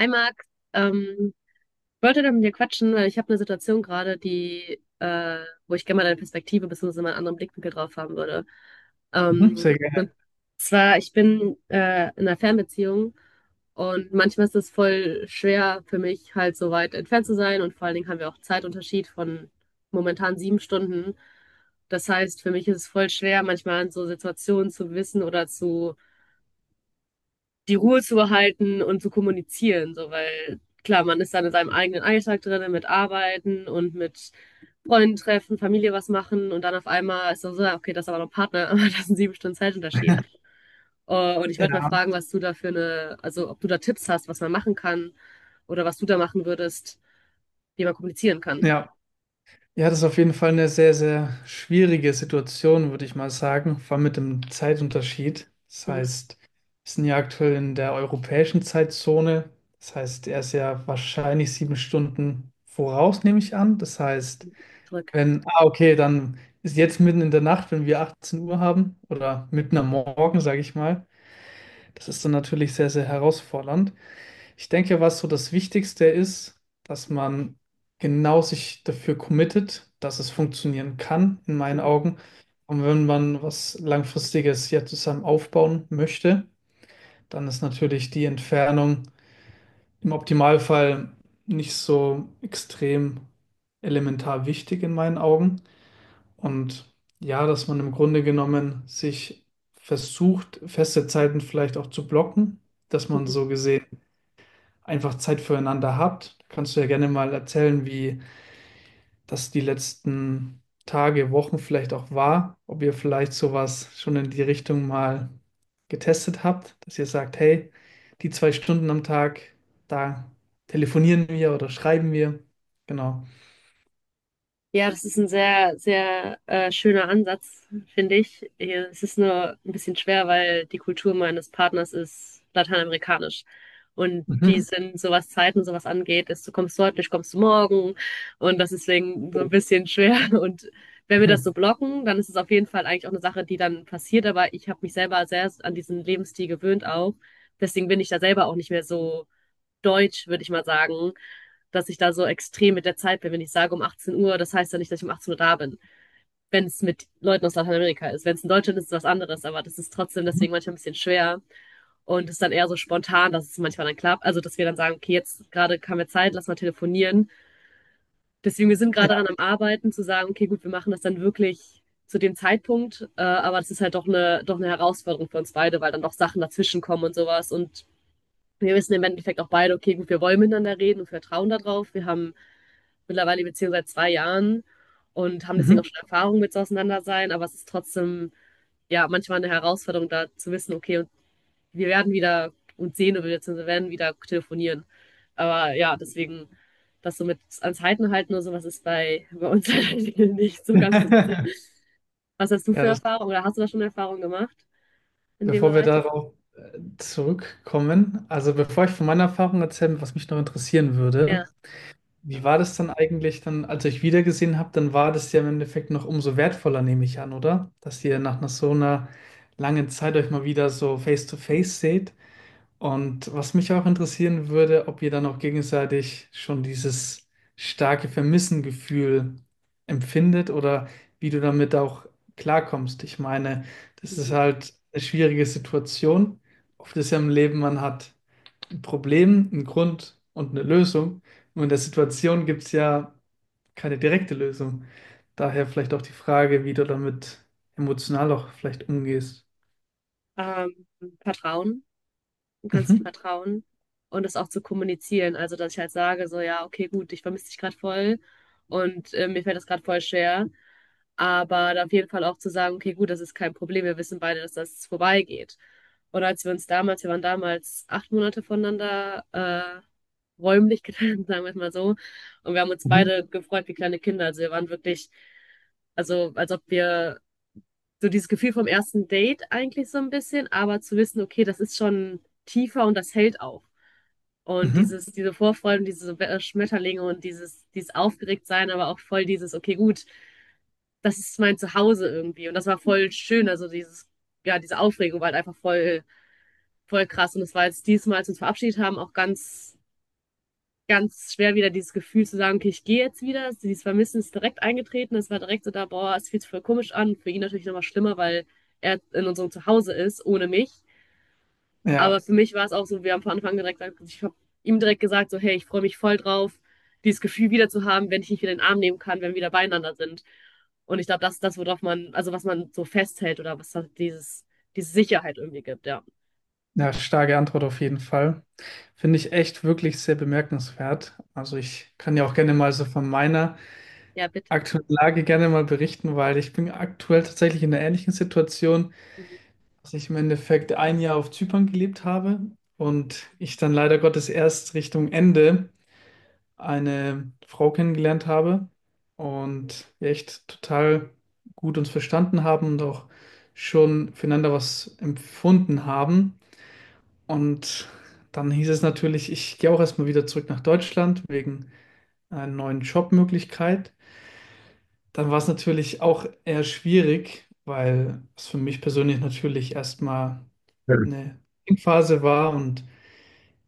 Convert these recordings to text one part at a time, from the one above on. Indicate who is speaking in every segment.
Speaker 1: Hi Max, ähm, ich wollte da mit dir quatschen, weil ich habe eine Situation gerade, die, wo ich gerne mal deine Perspektive bzw. mal einen anderen Blickwinkel drauf haben würde.
Speaker 2: Mhm.
Speaker 1: Ähm,
Speaker 2: Sehr gerne.
Speaker 1: zwar, ich bin in einer Fernbeziehung, und manchmal ist es voll schwer für mich, halt so weit entfernt zu sein, und vor allen Dingen haben wir auch Zeitunterschied von momentan 7 Stunden. Das heißt, für mich ist es voll schwer, manchmal in so Situationen zu wissen oder zu die Ruhe zu behalten und zu kommunizieren, so, weil klar, man ist dann in seinem eigenen Alltag drin, mit Arbeiten und mit Freunden treffen, Familie was machen, und dann auf einmal ist dann so, ja, okay, das ist aber noch ein Partner, aber das ist ein 7 Stunden Zeitunterschied. Und ich wollte mal
Speaker 2: Ja,
Speaker 1: fragen, was du da für eine, also ob du da Tipps hast, was man machen kann oder was du da machen würdest, wie man kommunizieren kann.
Speaker 2: ja. Ja, das ist auf jeden Fall eine sehr, sehr schwierige Situation, würde ich mal sagen, vor allem mit dem Zeitunterschied. Das
Speaker 1: Mhm.
Speaker 2: heißt, wir sind ja aktuell in der europäischen Zeitzone. Das heißt, er ist ja wahrscheinlich 7 Stunden voraus, nehme ich an. Das heißt,
Speaker 1: Zurück.
Speaker 2: wenn, ah, okay, dann ist jetzt mitten in der Nacht, wenn wir 18 Uhr haben, oder mitten am Morgen, sage ich mal. Das ist dann natürlich sehr, sehr herausfordernd. Ich denke, was so das Wichtigste ist, dass man genau sich dafür committet, dass es funktionieren kann, in meinen
Speaker 1: Mhm.
Speaker 2: Augen. Und wenn man was Langfristiges ja zusammen aufbauen möchte, dann ist natürlich die Entfernung im Optimalfall nicht so extrem elementar wichtig in meinen Augen. Und ja, dass man im Grunde genommen sich versucht, feste Zeiten vielleicht auch zu blocken, dass man
Speaker 1: Mhm.
Speaker 2: so gesehen einfach Zeit füreinander habt. Kannst du ja gerne mal erzählen, wie das die letzten Tage, Wochen vielleicht auch war, ob ihr vielleicht sowas schon in die Richtung mal getestet habt, dass ihr sagt, hey, die 2 Stunden am Tag, da telefonieren wir oder schreiben wir. Genau.
Speaker 1: Ja, das ist ein sehr, sehr schöner Ansatz, finde ich. Es ist nur ein bisschen schwer, weil die Kultur meines Partners ist lateinamerikanisch. Und die
Speaker 2: Mhm.
Speaker 1: sind, so was Zeiten, so was angeht, ist, du kommst heute nicht, kommst du morgen. Und das ist deswegen so ein
Speaker 2: Oh.
Speaker 1: bisschen schwer. Und wenn wir das so blocken, dann ist es auf jeden Fall eigentlich auch eine Sache, die dann passiert. Aber ich habe mich selber sehr an diesen Lebensstil gewöhnt auch. Deswegen bin ich da selber auch nicht mehr so deutsch, würde ich mal sagen, dass ich da so extrem mit der Zeit bin. Wenn ich sage um 18 Uhr, das heißt ja nicht, dass ich um 18 Uhr da bin. Wenn es mit Leuten aus Lateinamerika ist. Wenn es in Deutschland ist, ist es was anderes, aber das ist trotzdem
Speaker 2: Mhm.
Speaker 1: deswegen manchmal ein bisschen schwer. Und ist dann eher so spontan, dass es manchmal dann klappt. Also, dass wir dann sagen, okay, jetzt gerade kam mir Zeit, lass mal telefonieren. Deswegen, wir sind gerade daran am
Speaker 2: Ja.
Speaker 1: Arbeiten, zu sagen, okay, gut, wir machen das dann wirklich zu dem Zeitpunkt. Aber das ist halt doch eine Herausforderung für uns beide, weil dann doch Sachen dazwischen kommen und sowas. Und wir wissen im Endeffekt auch beide, okay, gut, wir wollen miteinander reden und wir vertrauen darauf. Wir haben mittlerweile die Beziehung seit 2 Jahren und haben
Speaker 2: Mhm.
Speaker 1: deswegen auch schon Erfahrung mit so auseinander sein, aber es ist trotzdem ja manchmal eine Herausforderung, da zu wissen, okay, und wir werden wieder uns sehen oder wir werden wieder telefonieren. Aber ja, deswegen, das so mit ans Halten halten oder sowas ist bei uns halt nicht so ganz drin. Was hast du für
Speaker 2: Ja, das,
Speaker 1: Erfahrungen oder hast du da schon Erfahrungen gemacht in dem
Speaker 2: bevor wir
Speaker 1: Bereich?
Speaker 2: darauf zurückkommen, also bevor ich von meiner Erfahrung erzähle, was mich noch interessieren
Speaker 1: Ja.
Speaker 2: würde: wie
Speaker 1: Ja.
Speaker 2: war das dann eigentlich dann, als ihr euch wiedergesehen habt? Dann war das ja im Endeffekt noch umso wertvoller, nehme ich an, oder? Dass ihr nach einer so einer langen Zeit euch mal wieder so face to face seht. Und was mich auch interessieren würde, ob ihr dann auch gegenseitig schon dieses starke Vermissengefühl empfindet, oder wie du damit auch klarkommst. Ich meine, das ist
Speaker 1: Mhm.
Speaker 2: halt eine schwierige Situation. Oft ist ja im Leben, man hat ein Problem, einen Grund und eine Lösung. Und in der Situation gibt es ja keine direkte Lösung. Daher vielleicht auch die Frage, wie du damit emotional auch vielleicht umgehst.
Speaker 1: Ähm, Vertrauen. Du kannst dich
Speaker 2: Mhm.
Speaker 1: vertrauen und das auch zu kommunizieren. Also, dass ich halt sage, so, ja, okay, gut, ich vermisse dich gerade voll und mir fällt das gerade voll schwer. Aber da auf jeden Fall auch zu sagen, okay, gut, das ist kein Problem, wir wissen beide, dass das vorbeigeht. Und als wir uns damals, wir waren damals 8 Monate voneinander räumlich getrennt, sagen wir es mal so. Und wir haben uns
Speaker 2: Mhm.
Speaker 1: beide gefreut wie kleine Kinder. Also wir waren wirklich, also als ob wir so dieses Gefühl vom ersten Date eigentlich so ein bisschen, aber zu wissen, okay, das ist schon tiefer, und das hält auch. Und
Speaker 2: Mhm.
Speaker 1: dieses, diese Vorfreude und diese Schmetterlinge und dieses Aufgeregtsein, aber auch voll dieses, okay, gut, das ist mein Zuhause irgendwie. Und das war voll schön. Also dieses, ja, diese Aufregung war halt einfach voll, voll krass. Und es war jetzt diesmal, als wir uns verabschiedet haben, auch ganz ganz schwer wieder dieses Gefühl zu sagen, okay, ich gehe jetzt wieder. Dieses Vermissen ist direkt eingetreten. Es war direkt so da, boah, es fühlt sich voll komisch an. Für ihn natürlich nochmal schlimmer, weil er in unserem Zuhause ist, ohne mich. Aber
Speaker 2: Ja,
Speaker 1: für mich war es auch so, wir haben von Anfang an direkt gesagt, also ich habe ihm direkt gesagt, so, hey, ich freue mich voll drauf, dieses Gefühl wieder zu haben, wenn ich dich wieder in den Arm nehmen kann, wenn wir wieder beieinander sind. Und ich glaube, das ist das, worauf man, also was man so festhält oder was halt dieses, diese Sicherheit irgendwie gibt, ja.
Speaker 2: ja, starke Antwort auf jeden Fall. Finde ich echt wirklich sehr bemerkenswert. Also ich kann ja auch gerne mal so von meiner
Speaker 1: Ja, bitte.
Speaker 2: aktuellen Lage gerne mal berichten, weil ich bin aktuell tatsächlich in einer ähnlichen Situation.
Speaker 1: Mhm.
Speaker 2: Dass ich im Endeffekt ein Jahr auf Zypern gelebt habe und ich dann leider Gottes erst Richtung Ende eine Frau kennengelernt habe und wir echt total gut uns verstanden haben und auch schon füreinander was empfunden haben. Und dann hieß es natürlich, ich gehe auch erstmal wieder zurück nach Deutschland wegen einer neuen Jobmöglichkeit. Dann war es natürlich auch eher schwierig, weil es für mich persönlich natürlich erstmal
Speaker 1: Ja.
Speaker 2: eine Phase war. Und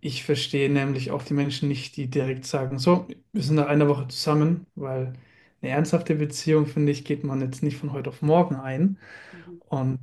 Speaker 2: ich verstehe nämlich auch die Menschen nicht, die direkt sagen, so, wir sind nach einer Woche zusammen, weil eine ernsthafte Beziehung, finde ich, geht man jetzt nicht von heute auf morgen ein.
Speaker 1: Mhm.
Speaker 2: Und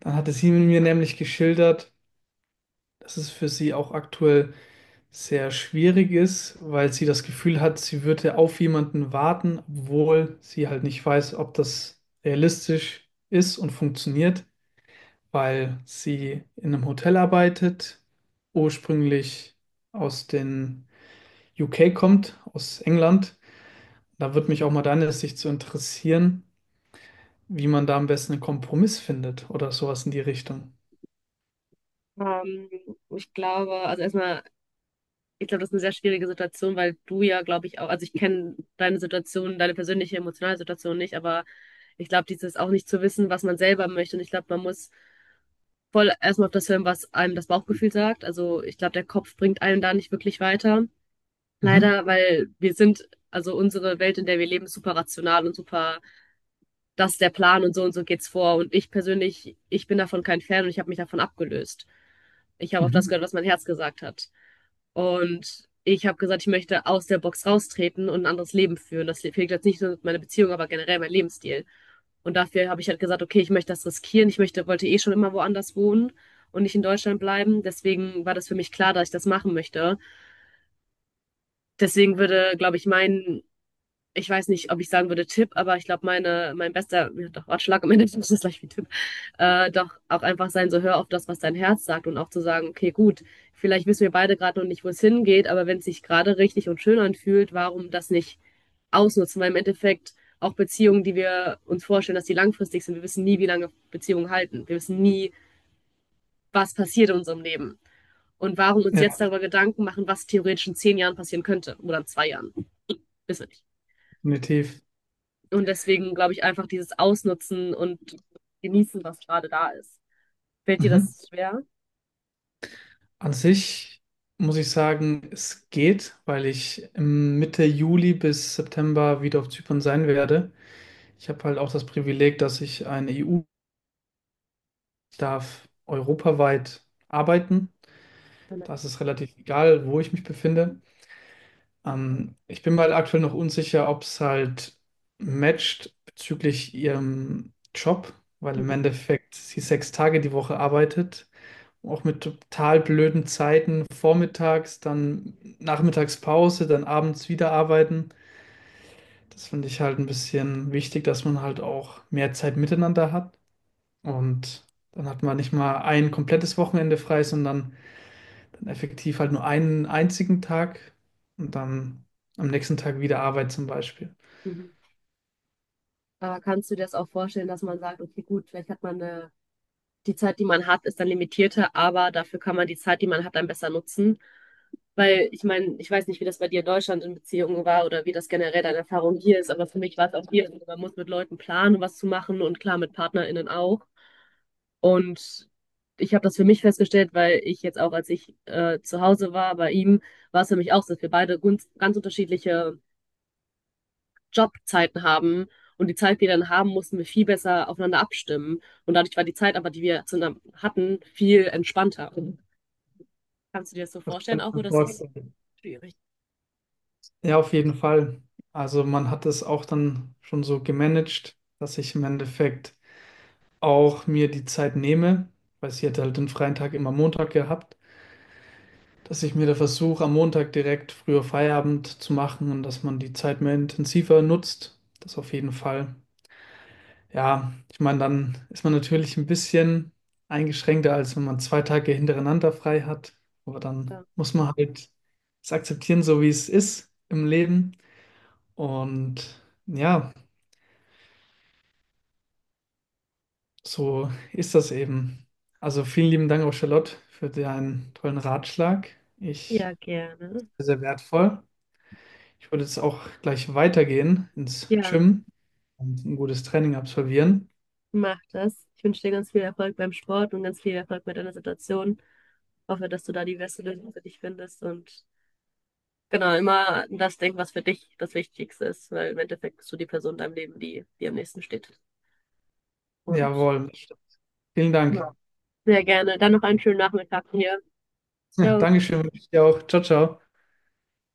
Speaker 2: dann hatte sie mir nämlich geschildert, dass es für sie auch aktuell sehr schwierig ist, weil sie das Gefühl hat, sie würde auf jemanden warten, obwohl sie halt nicht weiß, ob das realistisch ist und funktioniert. Weil sie in einem Hotel arbeitet, ursprünglich aus den UK kommt, aus England. Da würde mich auch mal deine Sicht zu interessieren, wie man da am besten einen Kompromiss findet oder sowas in die Richtung.
Speaker 1: Ähm, Ich glaube, also erstmal ich glaube, das ist eine sehr schwierige Situation, weil du ja, glaube ich, auch, also ich kenne deine Situation, deine persönliche emotionale Situation nicht, aber ich glaube, dieses auch nicht zu wissen, was man selber möchte. Und ich glaube, man muss voll erstmal auf das hören, was einem das Bauchgefühl sagt. Also ich glaube, der Kopf bringt einen da nicht wirklich weiter.
Speaker 2: Mhm.
Speaker 1: Leider, weil wir sind, also unsere Welt, in der wir leben, ist super rational und super, das ist der Plan und so geht's vor. Und ich persönlich, ich bin davon kein Fan, und ich habe mich davon abgelöst. Ich habe auf das
Speaker 2: Mhm.
Speaker 1: gehört, was mein Herz gesagt hat. Und ich habe gesagt, ich möchte aus der Box raustreten und ein anderes Leben führen. Das fehlt jetzt nicht nur meine Beziehung, aber generell mein Lebensstil. Und dafür habe ich halt gesagt, okay, ich möchte das riskieren. Ich möchte, wollte eh schon immer woanders wohnen und nicht in Deutschland bleiben. Deswegen war das für mich klar, dass ich das machen möchte. Deswegen würde, glaube ich, mein ich weiß nicht, ob ich sagen würde Tipp, aber ich glaube, mein bester, ja, doch Ratschlag am Ende ist das gleich wie Tipp, doch auch einfach sein, so hör auf das, was dein Herz sagt und auch zu sagen, okay, gut, vielleicht wissen wir beide gerade noch nicht, wo es hingeht, aber wenn es sich gerade richtig und schön anfühlt, warum das nicht ausnutzen? Weil im Endeffekt auch Beziehungen, die wir uns vorstellen, dass die langfristig sind, wir wissen nie, wie lange Beziehungen halten. Wir wissen nie, was passiert in unserem Leben. Und warum uns jetzt
Speaker 2: Ja,
Speaker 1: darüber Gedanken machen, was theoretisch in 10 Jahren passieren könnte oder in 2 Jahren. Wissen wir nicht.
Speaker 2: definitiv.
Speaker 1: Und deswegen glaube ich einfach dieses Ausnutzen und genießen, was gerade da ist. Fällt dir
Speaker 2: Mhm.
Speaker 1: das schwer?
Speaker 2: An sich muss ich sagen, es geht, weil ich im Mitte Juli bis September wieder auf Zypern sein werde. Ich habe halt auch das Privileg, dass ich eine EU darf europaweit arbeiten.
Speaker 1: Ja, nein.
Speaker 2: Das ist es relativ egal, wo ich mich befinde. Ich bin mir halt aktuell noch unsicher, ob es halt matcht bezüglich ihrem Job, weil im
Speaker 1: Mhm.
Speaker 2: Endeffekt sie 6 Tage die Woche arbeitet, auch mit total blöden Zeiten, vormittags, dann Nachmittagspause, dann abends wieder arbeiten. Das finde ich halt ein bisschen wichtig, dass man halt auch mehr Zeit miteinander hat. Und dann hat man nicht mal ein komplettes Wochenende frei, sondern dann effektiv halt nur einen einzigen Tag und dann am nächsten Tag wieder Arbeit zum Beispiel.
Speaker 1: Mhm. Aber kannst du dir das auch vorstellen, dass man sagt, okay, gut, vielleicht hat man eine, die Zeit, die man hat, ist dann limitierter, aber dafür kann man die Zeit, die man hat, dann besser nutzen? Weil ich meine, ich weiß nicht, wie das bei dir in Deutschland in Beziehungen war oder wie das generell deine Erfahrung hier ist, aber für mich war es auch hier, so, man muss mit Leuten planen, was zu machen, und klar mit PartnerInnen auch. Und ich habe das für mich festgestellt, weil ich jetzt auch, als ich zu Hause war bei ihm, war es für mich auch so, dass wir beide ganz, ganz unterschiedliche Jobzeiten haben. Und die Zeit, die wir dann haben, mussten wir viel besser aufeinander abstimmen. Und dadurch war die Zeit aber, die wir zusammen hatten, viel entspannter. Kannst du dir das so
Speaker 2: Das
Speaker 1: vorstellen,
Speaker 2: kann ich
Speaker 1: auch,
Speaker 2: mir
Speaker 1: oder ist das
Speaker 2: vorstellen.
Speaker 1: schwierig?
Speaker 2: Ja, auf jeden Fall. Also man hat es auch dann schon so gemanagt, dass ich im Endeffekt auch mir die Zeit nehme, weil sie hätte halt den freien Tag immer Montag gehabt, dass ich mir da versuche, am Montag direkt früher Feierabend zu machen und dass man die Zeit mehr intensiver nutzt. Das auf jeden Fall. Ja, ich meine, dann ist man natürlich ein bisschen eingeschränkter, als wenn man 2 Tage hintereinander frei hat. Aber dann
Speaker 1: Ja,
Speaker 2: muss man halt es akzeptieren, so wie es ist im Leben. Und ja, so ist das eben. Also vielen lieben Dank auch Charlotte für deinen tollen Ratschlag. Ich
Speaker 1: ja, gerne.
Speaker 2: sehr, sehr wertvoll. Ich würde jetzt auch gleich weitergehen ins
Speaker 1: Ja,
Speaker 2: Gym und ein gutes Training absolvieren.
Speaker 1: mach das. Ich wünsche dir ganz viel Erfolg beim Sport und ganz viel Erfolg mit deiner Situation. Hoffe, dass du da die beste Lösung für dich findest, und genau, immer an das denken, was für dich das Wichtigste ist, weil im Endeffekt bist du die Person in deinem Leben, die dir am nächsten steht. Und
Speaker 2: Jawohl, vielen Dank.
Speaker 1: ja, sehr gerne. Dann noch einen schönen Nachmittag hier. Ciao.
Speaker 2: Dankeschön, wünsche ich dir auch. Ciao, ciao.